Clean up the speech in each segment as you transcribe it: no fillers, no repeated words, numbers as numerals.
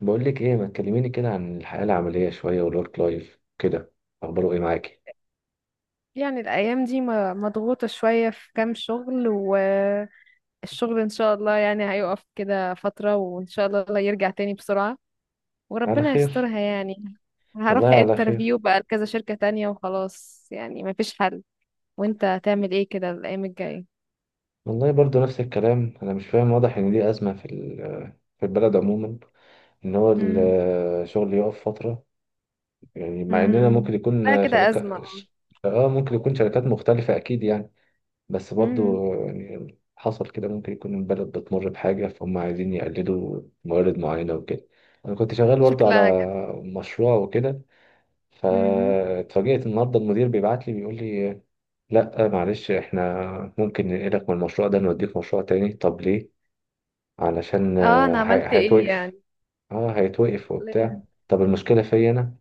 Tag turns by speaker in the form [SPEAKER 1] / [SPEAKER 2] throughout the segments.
[SPEAKER 1] بقول لك ايه، ما تكلميني كده عن الحياة العملية شوية والورك لايف كده؟ اخباره ايه معاكي؟
[SPEAKER 2] يعني الأيام دي مضغوطة شوية في كام شغل والشغل إن شاء الله يعني هيقف كده فترة، وإن شاء الله الله يرجع تاني بسرعة
[SPEAKER 1] على
[SPEAKER 2] وربنا
[SPEAKER 1] خير.
[SPEAKER 2] يسترها يعني.
[SPEAKER 1] والله
[SPEAKER 2] هروح
[SPEAKER 1] على
[SPEAKER 2] انترفيو
[SPEAKER 1] خير.
[SPEAKER 2] بقى لكذا شركة تانية وخلاص، يعني مفيش حل. وانت هتعمل ايه كده الأيام الجاية؟
[SPEAKER 1] والله برضو نفس الكلام، انا مش فاهم، واضح ان دي ازمة في البلد عموما، ان هو
[SPEAKER 2] امم
[SPEAKER 1] الشغل يقف فترة، يعني مع اننا
[SPEAKER 2] امم
[SPEAKER 1] ممكن
[SPEAKER 2] لا
[SPEAKER 1] يكون
[SPEAKER 2] كده
[SPEAKER 1] شركة.
[SPEAKER 2] أزمة.
[SPEAKER 1] اه، ممكن يكون شركات مختلفة اكيد يعني، بس
[SPEAKER 2] امم
[SPEAKER 1] برضو يعني حصل كده، ممكن يكون البلد بتمر بحاجة فهم عايزين يقلدوا موارد معينة وكده. انا كنت شغال برضو على
[SPEAKER 2] شكلها كده.
[SPEAKER 1] مشروع وكده،
[SPEAKER 2] امم
[SPEAKER 1] فاتفاجئت النهارده المدير بيبعت لي بيقول لي: لا معلش، احنا ممكن ننقلك من المشروع ده نوديك مشروع تاني. طب ليه؟ علشان
[SPEAKER 2] اه انا عملت ايه؟
[SPEAKER 1] هيتوقف. اه هيتوقف وبتاع.
[SPEAKER 2] يعني
[SPEAKER 1] طب المشكلة فيا انا؟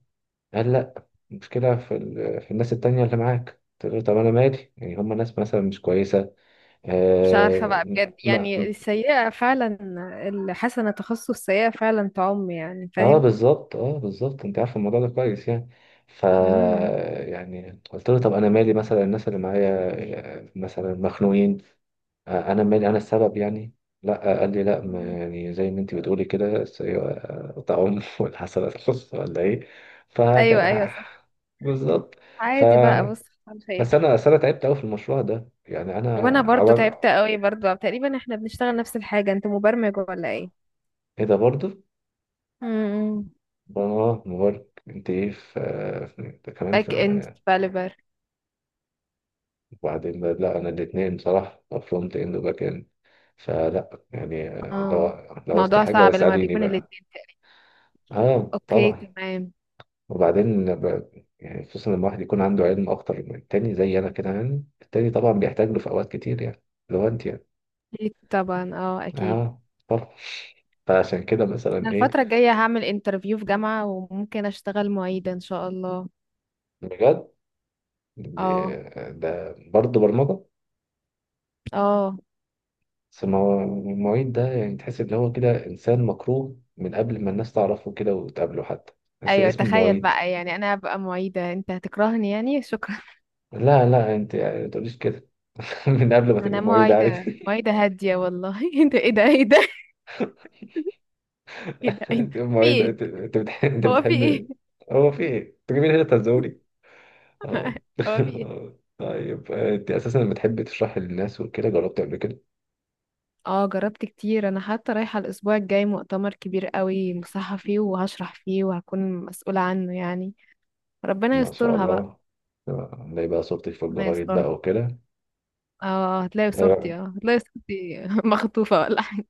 [SPEAKER 1] قال: لا، المشكلة في الناس التانية اللي معاك. قلت له: طب انا مالي، يعني هم ناس مثلا مش كويسة.
[SPEAKER 2] مش عارفة
[SPEAKER 1] اه,
[SPEAKER 2] بقى
[SPEAKER 1] ما...
[SPEAKER 2] بجد، يعني
[SPEAKER 1] ما-
[SPEAKER 2] السيئة فعلا الحسنة تخص السيئة فعلا تعم يعني
[SPEAKER 1] آه
[SPEAKER 2] فاهم.
[SPEAKER 1] بالظبط، اه بالظبط، انت عارف الموضوع ده كويس يعني. ف
[SPEAKER 2] امم
[SPEAKER 1] يعني قلت له: طب انا مالي، مثلا الناس اللي معايا مثلا مخنوقين، انا مالي انا السبب يعني؟ لا قال لي: لا، ما يعني زي ما انت بتقولي كده تعم. واللي حصل خص ولا ايه؟
[SPEAKER 2] ايوه
[SPEAKER 1] فكان
[SPEAKER 2] ايوه صح.
[SPEAKER 1] ح- بالظبط. ف
[SPEAKER 2] عادي بقى، بص على خير.
[SPEAKER 1] بس انا تعبت قوي في المشروع ده يعني. انا
[SPEAKER 2] وانا برضو
[SPEAKER 1] عمل
[SPEAKER 2] تعبت قوي برضو، تقريبا احنا بنشتغل نفس الحاجة. انت مبرمج ولا ايه؟
[SPEAKER 1] ايه ده برضه.
[SPEAKER 2] امم
[SPEAKER 1] اه مبارك، انت ايه في ده كمان في.
[SPEAKER 2] باك اند ديفلوبر.
[SPEAKER 1] لا انا الاثنين بصراحه، فرونت اند وباك اند. فلا يعني، لو
[SPEAKER 2] اه،
[SPEAKER 1] لو عوزت
[SPEAKER 2] موضوع
[SPEAKER 1] حاجه
[SPEAKER 2] صعب لما
[SPEAKER 1] اساليني
[SPEAKER 2] بيكون
[SPEAKER 1] بقى.
[SPEAKER 2] الاتنين.
[SPEAKER 1] اه
[SPEAKER 2] اوكي
[SPEAKER 1] طبعا.
[SPEAKER 2] تمام.
[SPEAKER 1] وبعدين ب- يعني خصوصا لما الواحد يكون عنده علم اكتر من التاني زي انا كده، يعني التاني طبعا بيحتاج له في اوقات كتير يعني. لو انت يعني،
[SPEAKER 2] اكيد طبعا، اه اكيد.
[SPEAKER 1] اه طبعا. فعشان كده
[SPEAKER 2] انا
[SPEAKER 1] مثلا ايه.
[SPEAKER 2] الفترة الجاية هعمل انترفيو في جامعة وممكن اشتغل معيدة ان شاء الله.
[SPEAKER 1] بجد،
[SPEAKER 2] اه.
[SPEAKER 1] ده برضه برمجه.
[SPEAKER 2] اه.
[SPEAKER 1] بس المعيد ده يعني تحس ان هو كده انسان مكروه من قبل ما الناس تعرفه كده وتقابله حتى، بس
[SPEAKER 2] ايوه
[SPEAKER 1] اسمه
[SPEAKER 2] تخيل
[SPEAKER 1] معيد.
[SPEAKER 2] بقى، يعني انا هبقى معيده انت هتكرهني يعني، شكرا.
[SPEAKER 1] لا لا، انت يعني ما تقوليش كده. من قبل ما تبقى
[SPEAKER 2] انا
[SPEAKER 1] معيد
[SPEAKER 2] معيده
[SPEAKER 1] عادي.
[SPEAKER 2] معيده هاديه والله. ايه ده ايه ده ايه ده، ايه ده ايه ده.
[SPEAKER 1] انت ما
[SPEAKER 2] في
[SPEAKER 1] هي ده-
[SPEAKER 2] ايه؟
[SPEAKER 1] انت
[SPEAKER 2] هو في ايه؟
[SPEAKER 1] بتحب. هو في ايه؟ انت جاي من هنا تهزوني. اه
[SPEAKER 2] هو في ايه؟
[SPEAKER 1] طيب، انت اساسا لما بتحب تشرح للناس وكده، جربت قبل كده؟
[SPEAKER 2] اه جربت كتير، انا حتى رايحه الاسبوع الجاي مؤتمر كبير قوي مصحه فيه وهشرح فيه وهكون مسؤوله عنه يعني. ربنا
[SPEAKER 1] ما شاء
[SPEAKER 2] يسترها بقى.
[SPEAKER 1] الله. نلاقي بقى صورتك في
[SPEAKER 2] ربنا
[SPEAKER 1] الجرايد
[SPEAKER 2] يسترها.
[SPEAKER 1] بقى وكده.
[SPEAKER 2] اه هتلاقي صورتي،
[SPEAKER 1] آه،
[SPEAKER 2] اه هتلاقي صورتي مخطوفه ولا حاجه.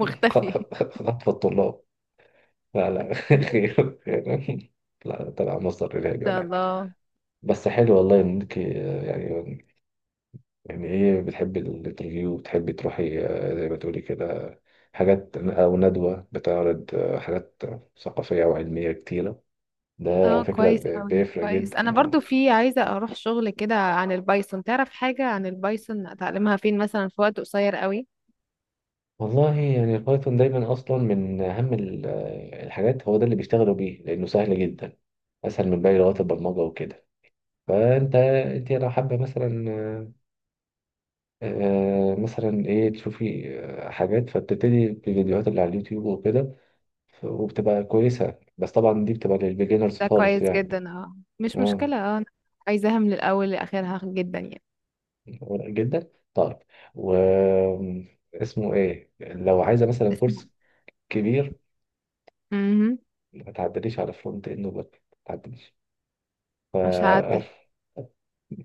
[SPEAKER 2] مختفي ان
[SPEAKER 1] خطف الطلاب! لا لا خير خير. لا، تبع مصدر علاجي
[SPEAKER 2] شاء
[SPEAKER 1] ولا حاجة.
[SPEAKER 2] الله.
[SPEAKER 1] بس حلو والله انك يعني، يعني ايه، بتحب الانترفيو وبتحبي تروحي زي ما تقولي كده حاجات او ندوة بتعرض حاجات ثقافية وعلمية كتيرة. ده
[SPEAKER 2] اه
[SPEAKER 1] على فكرة
[SPEAKER 2] كويس اوي
[SPEAKER 1] بيفرق
[SPEAKER 2] كويس.
[SPEAKER 1] جدا
[SPEAKER 2] انا برضو
[SPEAKER 1] آه.
[SPEAKER 2] في عايزة اروح شغل كده عن البايثون. تعرف حاجة عن البايثون اتعلمها فين مثلا في وقت قصير قوي؟
[SPEAKER 1] والله يعني البايثون دايما اصلا من اهم الحاجات، هو ده اللي بيشتغلوا بيه لانه سهل جدا، اسهل من باقي لغات البرمجة وكده. فانت لو حابه مثلا مثلا ايه، تشوفي حاجات، فبتبتدي بفيديوهات اللي على اليوتيوب وكده، وبتبقى كويسة، بس طبعا دي بتبقى للبيجنرز
[SPEAKER 2] ده
[SPEAKER 1] خالص
[SPEAKER 2] كويس
[SPEAKER 1] يعني.
[SPEAKER 2] جدا، اه مش
[SPEAKER 1] اه
[SPEAKER 2] مشكلة. اه أنا عايزاها من الاول لاخرها جدا يعني.
[SPEAKER 1] ورق جدا. طيب، و اسمه ايه لو عايزة مثلا
[SPEAKER 2] اسمع.
[SPEAKER 1] كورس كبير؟
[SPEAKER 2] امم
[SPEAKER 1] ما تعدليش على فرونت اند وباك، ما تعدليش. ف
[SPEAKER 2] مش هعدل.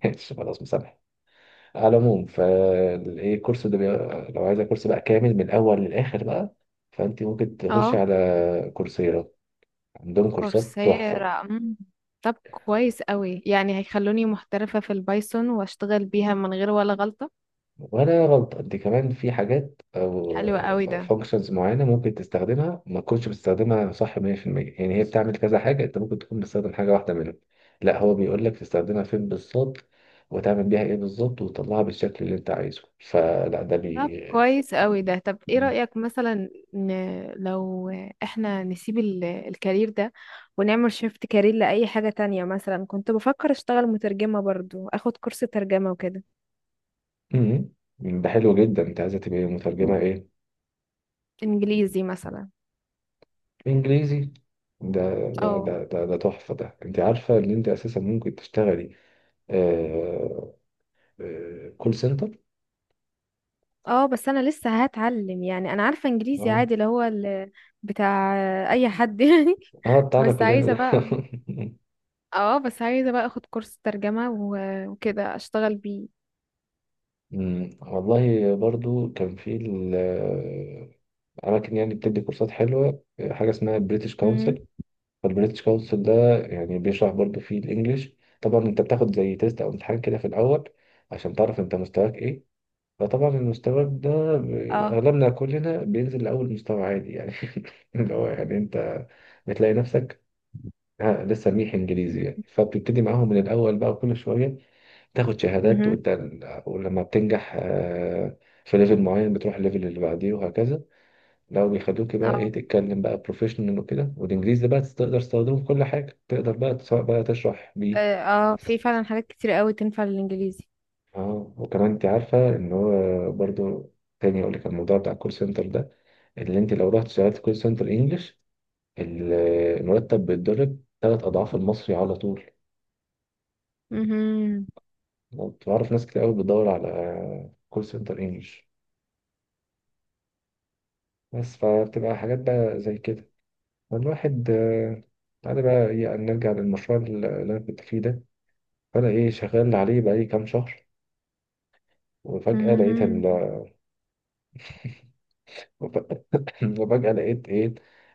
[SPEAKER 1] ماشي خلاص، مسامح. على العموم فالايه، الكورس ده. لو عايزة كورس بقى كامل من الاول للاخر بقى، فانت ممكن تخش
[SPEAKER 2] اه
[SPEAKER 1] على كورسيرا، عندهم كورسات تحفة.
[SPEAKER 2] كورسيرا. طب كويس قوي، يعني هيخلوني محترفة في البايثون واشتغل بيها من غير ولا غلطة.
[SPEAKER 1] ولا غلط، انت كمان في حاجات او
[SPEAKER 2] حلو قوي ده.
[SPEAKER 1] فانكشنز معينه ممكن تستخدمها ما تكونش بتستخدمها صح 100%، يعني هي بتعمل كذا حاجه، انت ممكن تكون بتستخدم حاجه واحده منهم. لا، هو بيقول لك تستخدمها فين بالظبط وتعمل بيها ايه بالظبط وتطلعها بالشكل اللي انت عايزه. فلا ده
[SPEAKER 2] طب كويس قوي ده. طب ايه
[SPEAKER 1] مم.
[SPEAKER 2] رأيك مثلا، لو احنا نسيب الكارير ده ونعمل شيفت كارير لأي حاجة تانية. مثلا كنت بفكر اشتغل مترجمة برضو، اخد كورس ترجمة وكده.
[SPEAKER 1] مم. ده حلو جدا. انت عايزه تبقى مترجمه ايه؟
[SPEAKER 2] انجليزي مثلا.
[SPEAKER 1] انجليزي؟ ده لا،
[SPEAKER 2] اه.
[SPEAKER 1] ده تحفه ده. انت عارفه ان انت اساسا ممكن تشتغلي آه، كول سنتر؟
[SPEAKER 2] اه بس انا لسه هتعلم يعني. انا عارفة انجليزي عادي، اللي هو بتاع اي حد يعني.
[SPEAKER 1] اه بتاعنا
[SPEAKER 2] بس
[SPEAKER 1] كلنا
[SPEAKER 2] عايزة
[SPEAKER 1] ده.
[SPEAKER 2] بقى، اه بس عايزة بقى اخد كورس ترجمة وكده اشتغل بيه.
[SPEAKER 1] والله برضو كان في أماكن يعني بتدي كورسات حلوة، حاجة اسمها بريتش
[SPEAKER 2] امم.
[SPEAKER 1] كونسل. فالبريتش كونسل ده يعني بيشرح برضو فيه الإنجليش. طبعا أنت بتاخد زي تيست أو امتحان كده في الأول، عشان تعرف أنت مستواك إيه. فطبعا المستوى ده
[SPEAKER 2] اه.
[SPEAKER 1] أغلبنا كلنا بينزل لأول مستوى عادي يعني، اللي هو يعني أنت بتلاقي نفسك ها لسه ميح إنجليزي يعني، فبتبتدي معاهم من الأول بقى، كل شوية تاخد شهادات.
[SPEAKER 2] مهم.
[SPEAKER 1] وانت ولما بتنجح في ليفل معين، بتروح الليفل اللي بعديه وهكذا، لو بيخلوك بقى ايه تتكلم بقى بروفيشنال وكده. والانجليزي ده بقى تقدر تستخدمه في كل حاجه، تقدر بقى سواء بقى تشرح بيه.
[SPEAKER 2] اه آه، في فعلا حاجات كتير قوي تنفع للانجليزي.
[SPEAKER 1] اه، وكمان انت عارفه ان هو برضو، تاني اقول لك الموضوع بتاع الكول سنتر ده، اللي انت لو رحت اشتغلت كول سنتر انجلش، ال- المرتب بيتضرب ثلاث اضعاف المصري على طول.
[SPEAKER 2] مهم.
[SPEAKER 1] بعرف ناس كتير قوي بتدور على كول سنتر انجلش. بس فبتبقى حاجات بقى زي كده. فالواحد تعالى بقى إيه، نرجع للمشروع اللي أنا كنت فيه ده. فأنا إيه شغال عليه بقالي كام شهر، وفجأة لقيت
[SPEAKER 2] مهم.
[SPEAKER 1] ال... وفجأة لقيت إيه،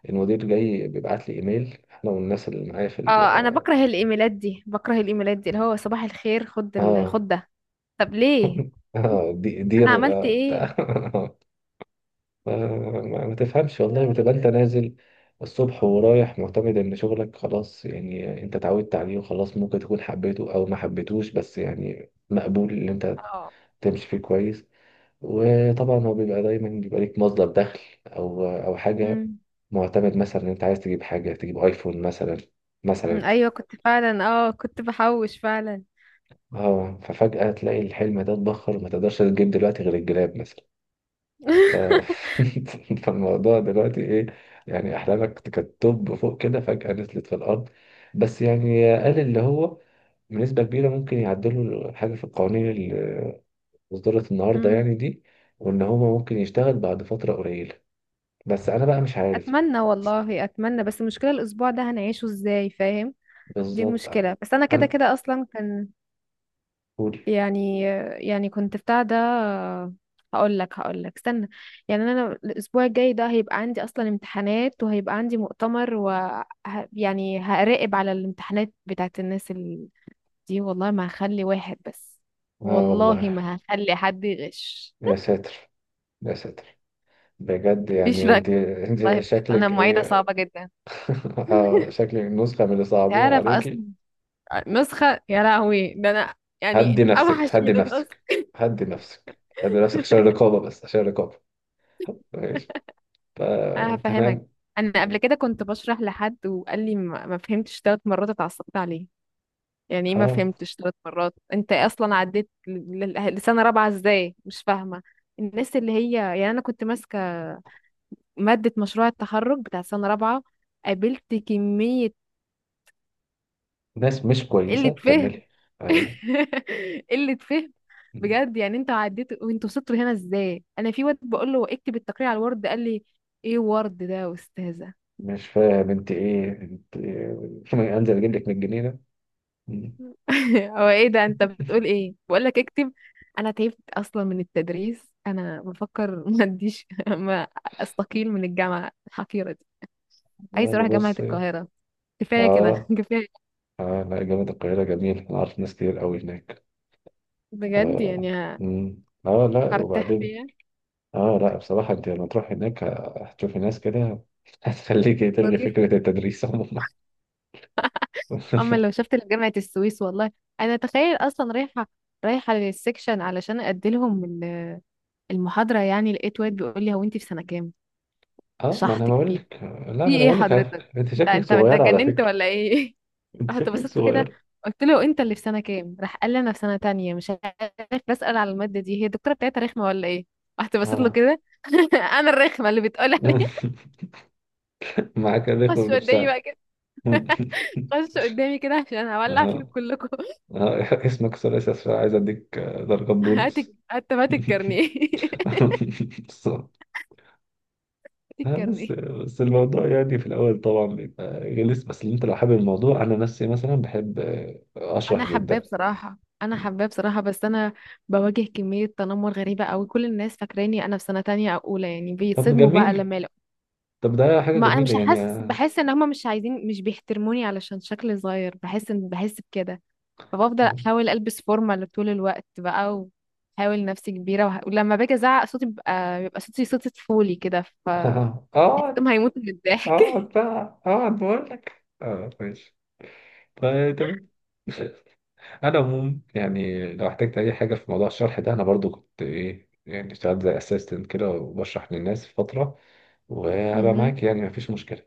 [SPEAKER 1] المدير جاي بيبعت لي إيميل إحنا والناس اللي معايا.
[SPEAKER 2] اه انا بكره الايميلات دي، بكره الايميلات دي اللي هو صباح الخير خد
[SPEAKER 1] آه
[SPEAKER 2] خد ده. طب ليه؟
[SPEAKER 1] دي
[SPEAKER 2] انا
[SPEAKER 1] دير
[SPEAKER 2] عملت ايه؟
[SPEAKER 1] بتاع. ما ما تفهمش والله، بتبقى انت نازل الصبح ورايح معتمد ان شغلك خلاص يعني، انت اتعودت عليه وخلاص، ممكن تكون حبيته او ما حبيتوش، بس يعني مقبول ان انت
[SPEAKER 2] اه.
[SPEAKER 1] تمشي فيه كويس، وطبعا هو بيبقى دايما، بيبقى ليك مصدر دخل او حاجة،
[SPEAKER 2] مم.
[SPEAKER 1] معتمد مثلا ان انت عايز تجيب حاجة، تجيب ايفون مثلا.
[SPEAKER 2] أمم،
[SPEAKER 1] مثلا
[SPEAKER 2] ايوه كنت فعلا، اه كنت بحوش فعلا.
[SPEAKER 1] اه، ففجأة تلاقي الحلم ده اتبخر وما تقدرش تجيب دلوقتي غير الجلاب مثلا. ف... فالموضوع دلوقتي ايه، يعني احلامك كانت توب فوق كده، فجأة نزلت في الارض. بس يعني، قال اللي هو بنسبة كبيرة ممكن يعدلوا حاجة في القوانين اللي اصدرت النهاردة
[SPEAKER 2] مم.
[SPEAKER 1] يعني دي، وان هو ممكن يشتغل بعد فترة قليلة، بس انا بقى مش عارف.
[SPEAKER 2] اتمنى والله اتمنى، بس المشكله الاسبوع ده هنعيشه ازاي فاهم. دي
[SPEAKER 1] بالظبط.
[SPEAKER 2] المشكله. بس انا كده
[SPEAKER 1] انا
[SPEAKER 2] كده اصلا كان
[SPEAKER 1] قول.
[SPEAKER 2] يعني يعني كنت بتاع ده. هقول لك هقول لك استنى. يعني انا الاسبوع الجاي ده هيبقى عندي اصلا امتحانات وهيبقى عندي مؤتمر و يعني هراقب على الامتحانات بتاعت الناس دي. والله ما هخلي واحد بس،
[SPEAKER 1] اه
[SPEAKER 2] والله
[SPEAKER 1] والله.
[SPEAKER 2] ما هخلي حد يغش.
[SPEAKER 1] يا ساتر، يا ساتر، بجد
[SPEAKER 2] مفيش
[SPEAKER 1] يعني
[SPEAKER 2] رقم.
[SPEAKER 1] دي,
[SPEAKER 2] والله
[SPEAKER 1] دي
[SPEAKER 2] بجد انا
[SPEAKER 1] شكلك
[SPEAKER 2] معيدة
[SPEAKER 1] ايه.
[SPEAKER 2] صعبة جدا.
[SPEAKER 1] شكلك نسخة من اللي صعبوها
[SPEAKER 2] تعرف اصلا
[SPEAKER 1] عليكي.
[SPEAKER 2] نسخة يا لهوي. ده انا يعني
[SPEAKER 1] هدي نفسك
[SPEAKER 2] اوحش
[SPEAKER 1] هدي
[SPEAKER 2] من النسخ.
[SPEAKER 1] نفسك، هدي نفسك هدي نفسك عشان الرقابة، بس عشان الرقابة. ماشي،
[SPEAKER 2] أنا هفهمك.
[SPEAKER 1] فتمام.
[SPEAKER 2] أنا قبل كده كنت بشرح لحد وقال لي ما فهمتش تلات مرات، اتعصبت عليه. يعني إيه ما
[SPEAKER 1] اه،
[SPEAKER 2] فهمتش تلات مرات؟ أنت أصلا عديت لسنة رابعة إزاي مش فاهمة؟ الناس اللي هي يعني أنا كنت ماسكة مادة مشروع التخرج بتاع سنة رابعة، قابلت كمية
[SPEAKER 1] ناس مش
[SPEAKER 2] قلة
[SPEAKER 1] كويسة،
[SPEAKER 2] فهم.
[SPEAKER 1] كملي. ايوه،
[SPEAKER 2] قلة فهم. بجد يعني انتوا عديتوا وانتوا وصلتوا هنا ازاي؟ انا في واد بقول له اكتب التقرير على الورد، قال لي ايه ورد ده يا استاذه؟
[SPEAKER 1] مش فاهم انت ايه، انت إيه؟ انزل اجيب لك من الجنينة. مم.
[SPEAKER 2] هو ايه ده انت بتقول ايه؟ بقول لك اكتب. انا تعبت اصلا من التدريس، انا بفكر ما اديش ما استقيل من الجامعه الحقيره دي. عايز
[SPEAKER 1] والله
[SPEAKER 2] اروح جامعه
[SPEAKER 1] بص.
[SPEAKER 2] القاهره. كفايه كده
[SPEAKER 1] اه.
[SPEAKER 2] كفايه.
[SPEAKER 1] اه لا، جامعة القاهرة جميل، انا عارف ناس كتير قوي هناك.
[SPEAKER 2] بجد يعني
[SPEAKER 1] اه. مم. اه لا
[SPEAKER 2] هرتاح
[SPEAKER 1] وبعدين،
[SPEAKER 2] فيها.
[SPEAKER 1] اه لا بصراحة انت لما تروح هناك هتشوفي ناس كده هتخليكي تلغي
[SPEAKER 2] وظيفه.
[SPEAKER 1] فكرة التدريس عموما.
[SPEAKER 2] اما لو شفت جامعه السويس والله. انا تخيل اصلا رايحه، رايحه للسكشن علشان ادي لهم المحاضره، يعني لقيت واد بيقول لي هو انت في سنه كام؟
[SPEAKER 1] اه ما انا
[SPEAKER 2] شحط
[SPEAKER 1] بقول
[SPEAKER 2] كبير.
[SPEAKER 1] لك. لا
[SPEAKER 2] في
[SPEAKER 1] ما انا
[SPEAKER 2] ايه
[SPEAKER 1] بقول لك على
[SPEAKER 2] حضرتك؟
[SPEAKER 1] فكره، انت
[SPEAKER 2] انت
[SPEAKER 1] شكلك
[SPEAKER 2] انت أنت
[SPEAKER 1] صغير على
[SPEAKER 2] اتجننت
[SPEAKER 1] فكره.
[SPEAKER 2] ولا ايه؟
[SPEAKER 1] انت
[SPEAKER 2] رحت
[SPEAKER 1] شكلك
[SPEAKER 2] بصيت له كده،
[SPEAKER 1] صغير.
[SPEAKER 2] قلت له انت اللي في سنه كام، راح قال لي انا في سنه تانية مش عارف بسال على الماده دي، هي الدكتوره بتاعتها رخمه ولا ايه؟ رحت بصيت له
[SPEAKER 1] اه
[SPEAKER 2] كده. انا الرخمه اللي بتقول عليه.
[SPEAKER 1] معاك الرخوة
[SPEAKER 2] خش قدامي بقى
[SPEAKER 1] بنفسها.
[SPEAKER 2] كده، خش قدامي كده عشان هولع فيكم
[SPEAKER 1] اه.
[SPEAKER 2] كلكم.
[SPEAKER 1] اه اسمك ثلاثي أسفل، عايز اديك ضربة
[SPEAKER 2] هات،
[SPEAKER 1] بونص.
[SPEAKER 2] حتى هات الكارنيه هات الكارنيه.
[SPEAKER 1] بس.
[SPEAKER 2] الكارنيه.
[SPEAKER 1] بس الموضوع يعني في الاول طبعا بيبقى غلس، بس انت لو حابب الموضوع، انا نفسي مثلا بحب
[SPEAKER 2] انا
[SPEAKER 1] اشرح
[SPEAKER 2] حباه
[SPEAKER 1] جدا.
[SPEAKER 2] بصراحه، انا حباه بصراحه، بس انا بواجه كميه تنمر غريبه قوي. كل الناس فاكراني انا في سنه تانية او اولى يعني،
[SPEAKER 1] طب
[SPEAKER 2] بيتصدموا بقى
[SPEAKER 1] جميل،
[SPEAKER 2] لما.
[SPEAKER 1] طب ده حاجة
[SPEAKER 2] ما انا مش
[SPEAKER 1] جميلة يعني.
[SPEAKER 2] حاسس، بحس ان هما مش عايزين، مش بيحترموني علشان شكلي صغير، بحس ان بحس بكده. فبفضل
[SPEAKER 1] اه
[SPEAKER 2] احاول البس فورمال طول الوقت بقى، واحاول نفسي كبيره ولما باجي ازعق صوتي بيبقى صوتي طفولي كده، ف
[SPEAKER 1] آه،
[SPEAKER 2] بحسهم هيموتوا من الضحك.
[SPEAKER 1] اقعد بقى اقعد بقول لك اه ماشي، طيب تمام. انا عموما يعني لو احتجت اي حاجه في موضوع الشرح ده، انا برضو كنت ايه يعني اشتغلت زي اسيستنت كده وبشرح للناس فتره، وهبقى
[SPEAKER 2] مهم.
[SPEAKER 1] معاك يعني مفيش مشكله.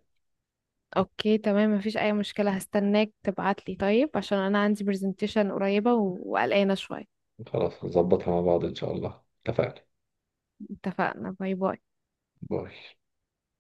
[SPEAKER 2] اوكي تمام، مفيش اي مشكله. هستناك تبعتلي طيب عشان انا عندي برزنتيشن قريبه وقلقانه شويه.
[SPEAKER 1] خلاص، نظبطها مع بعض ان شاء الله. اتفقنا.
[SPEAKER 2] اتفقنا. باي باي.
[SPEAKER 1] باي.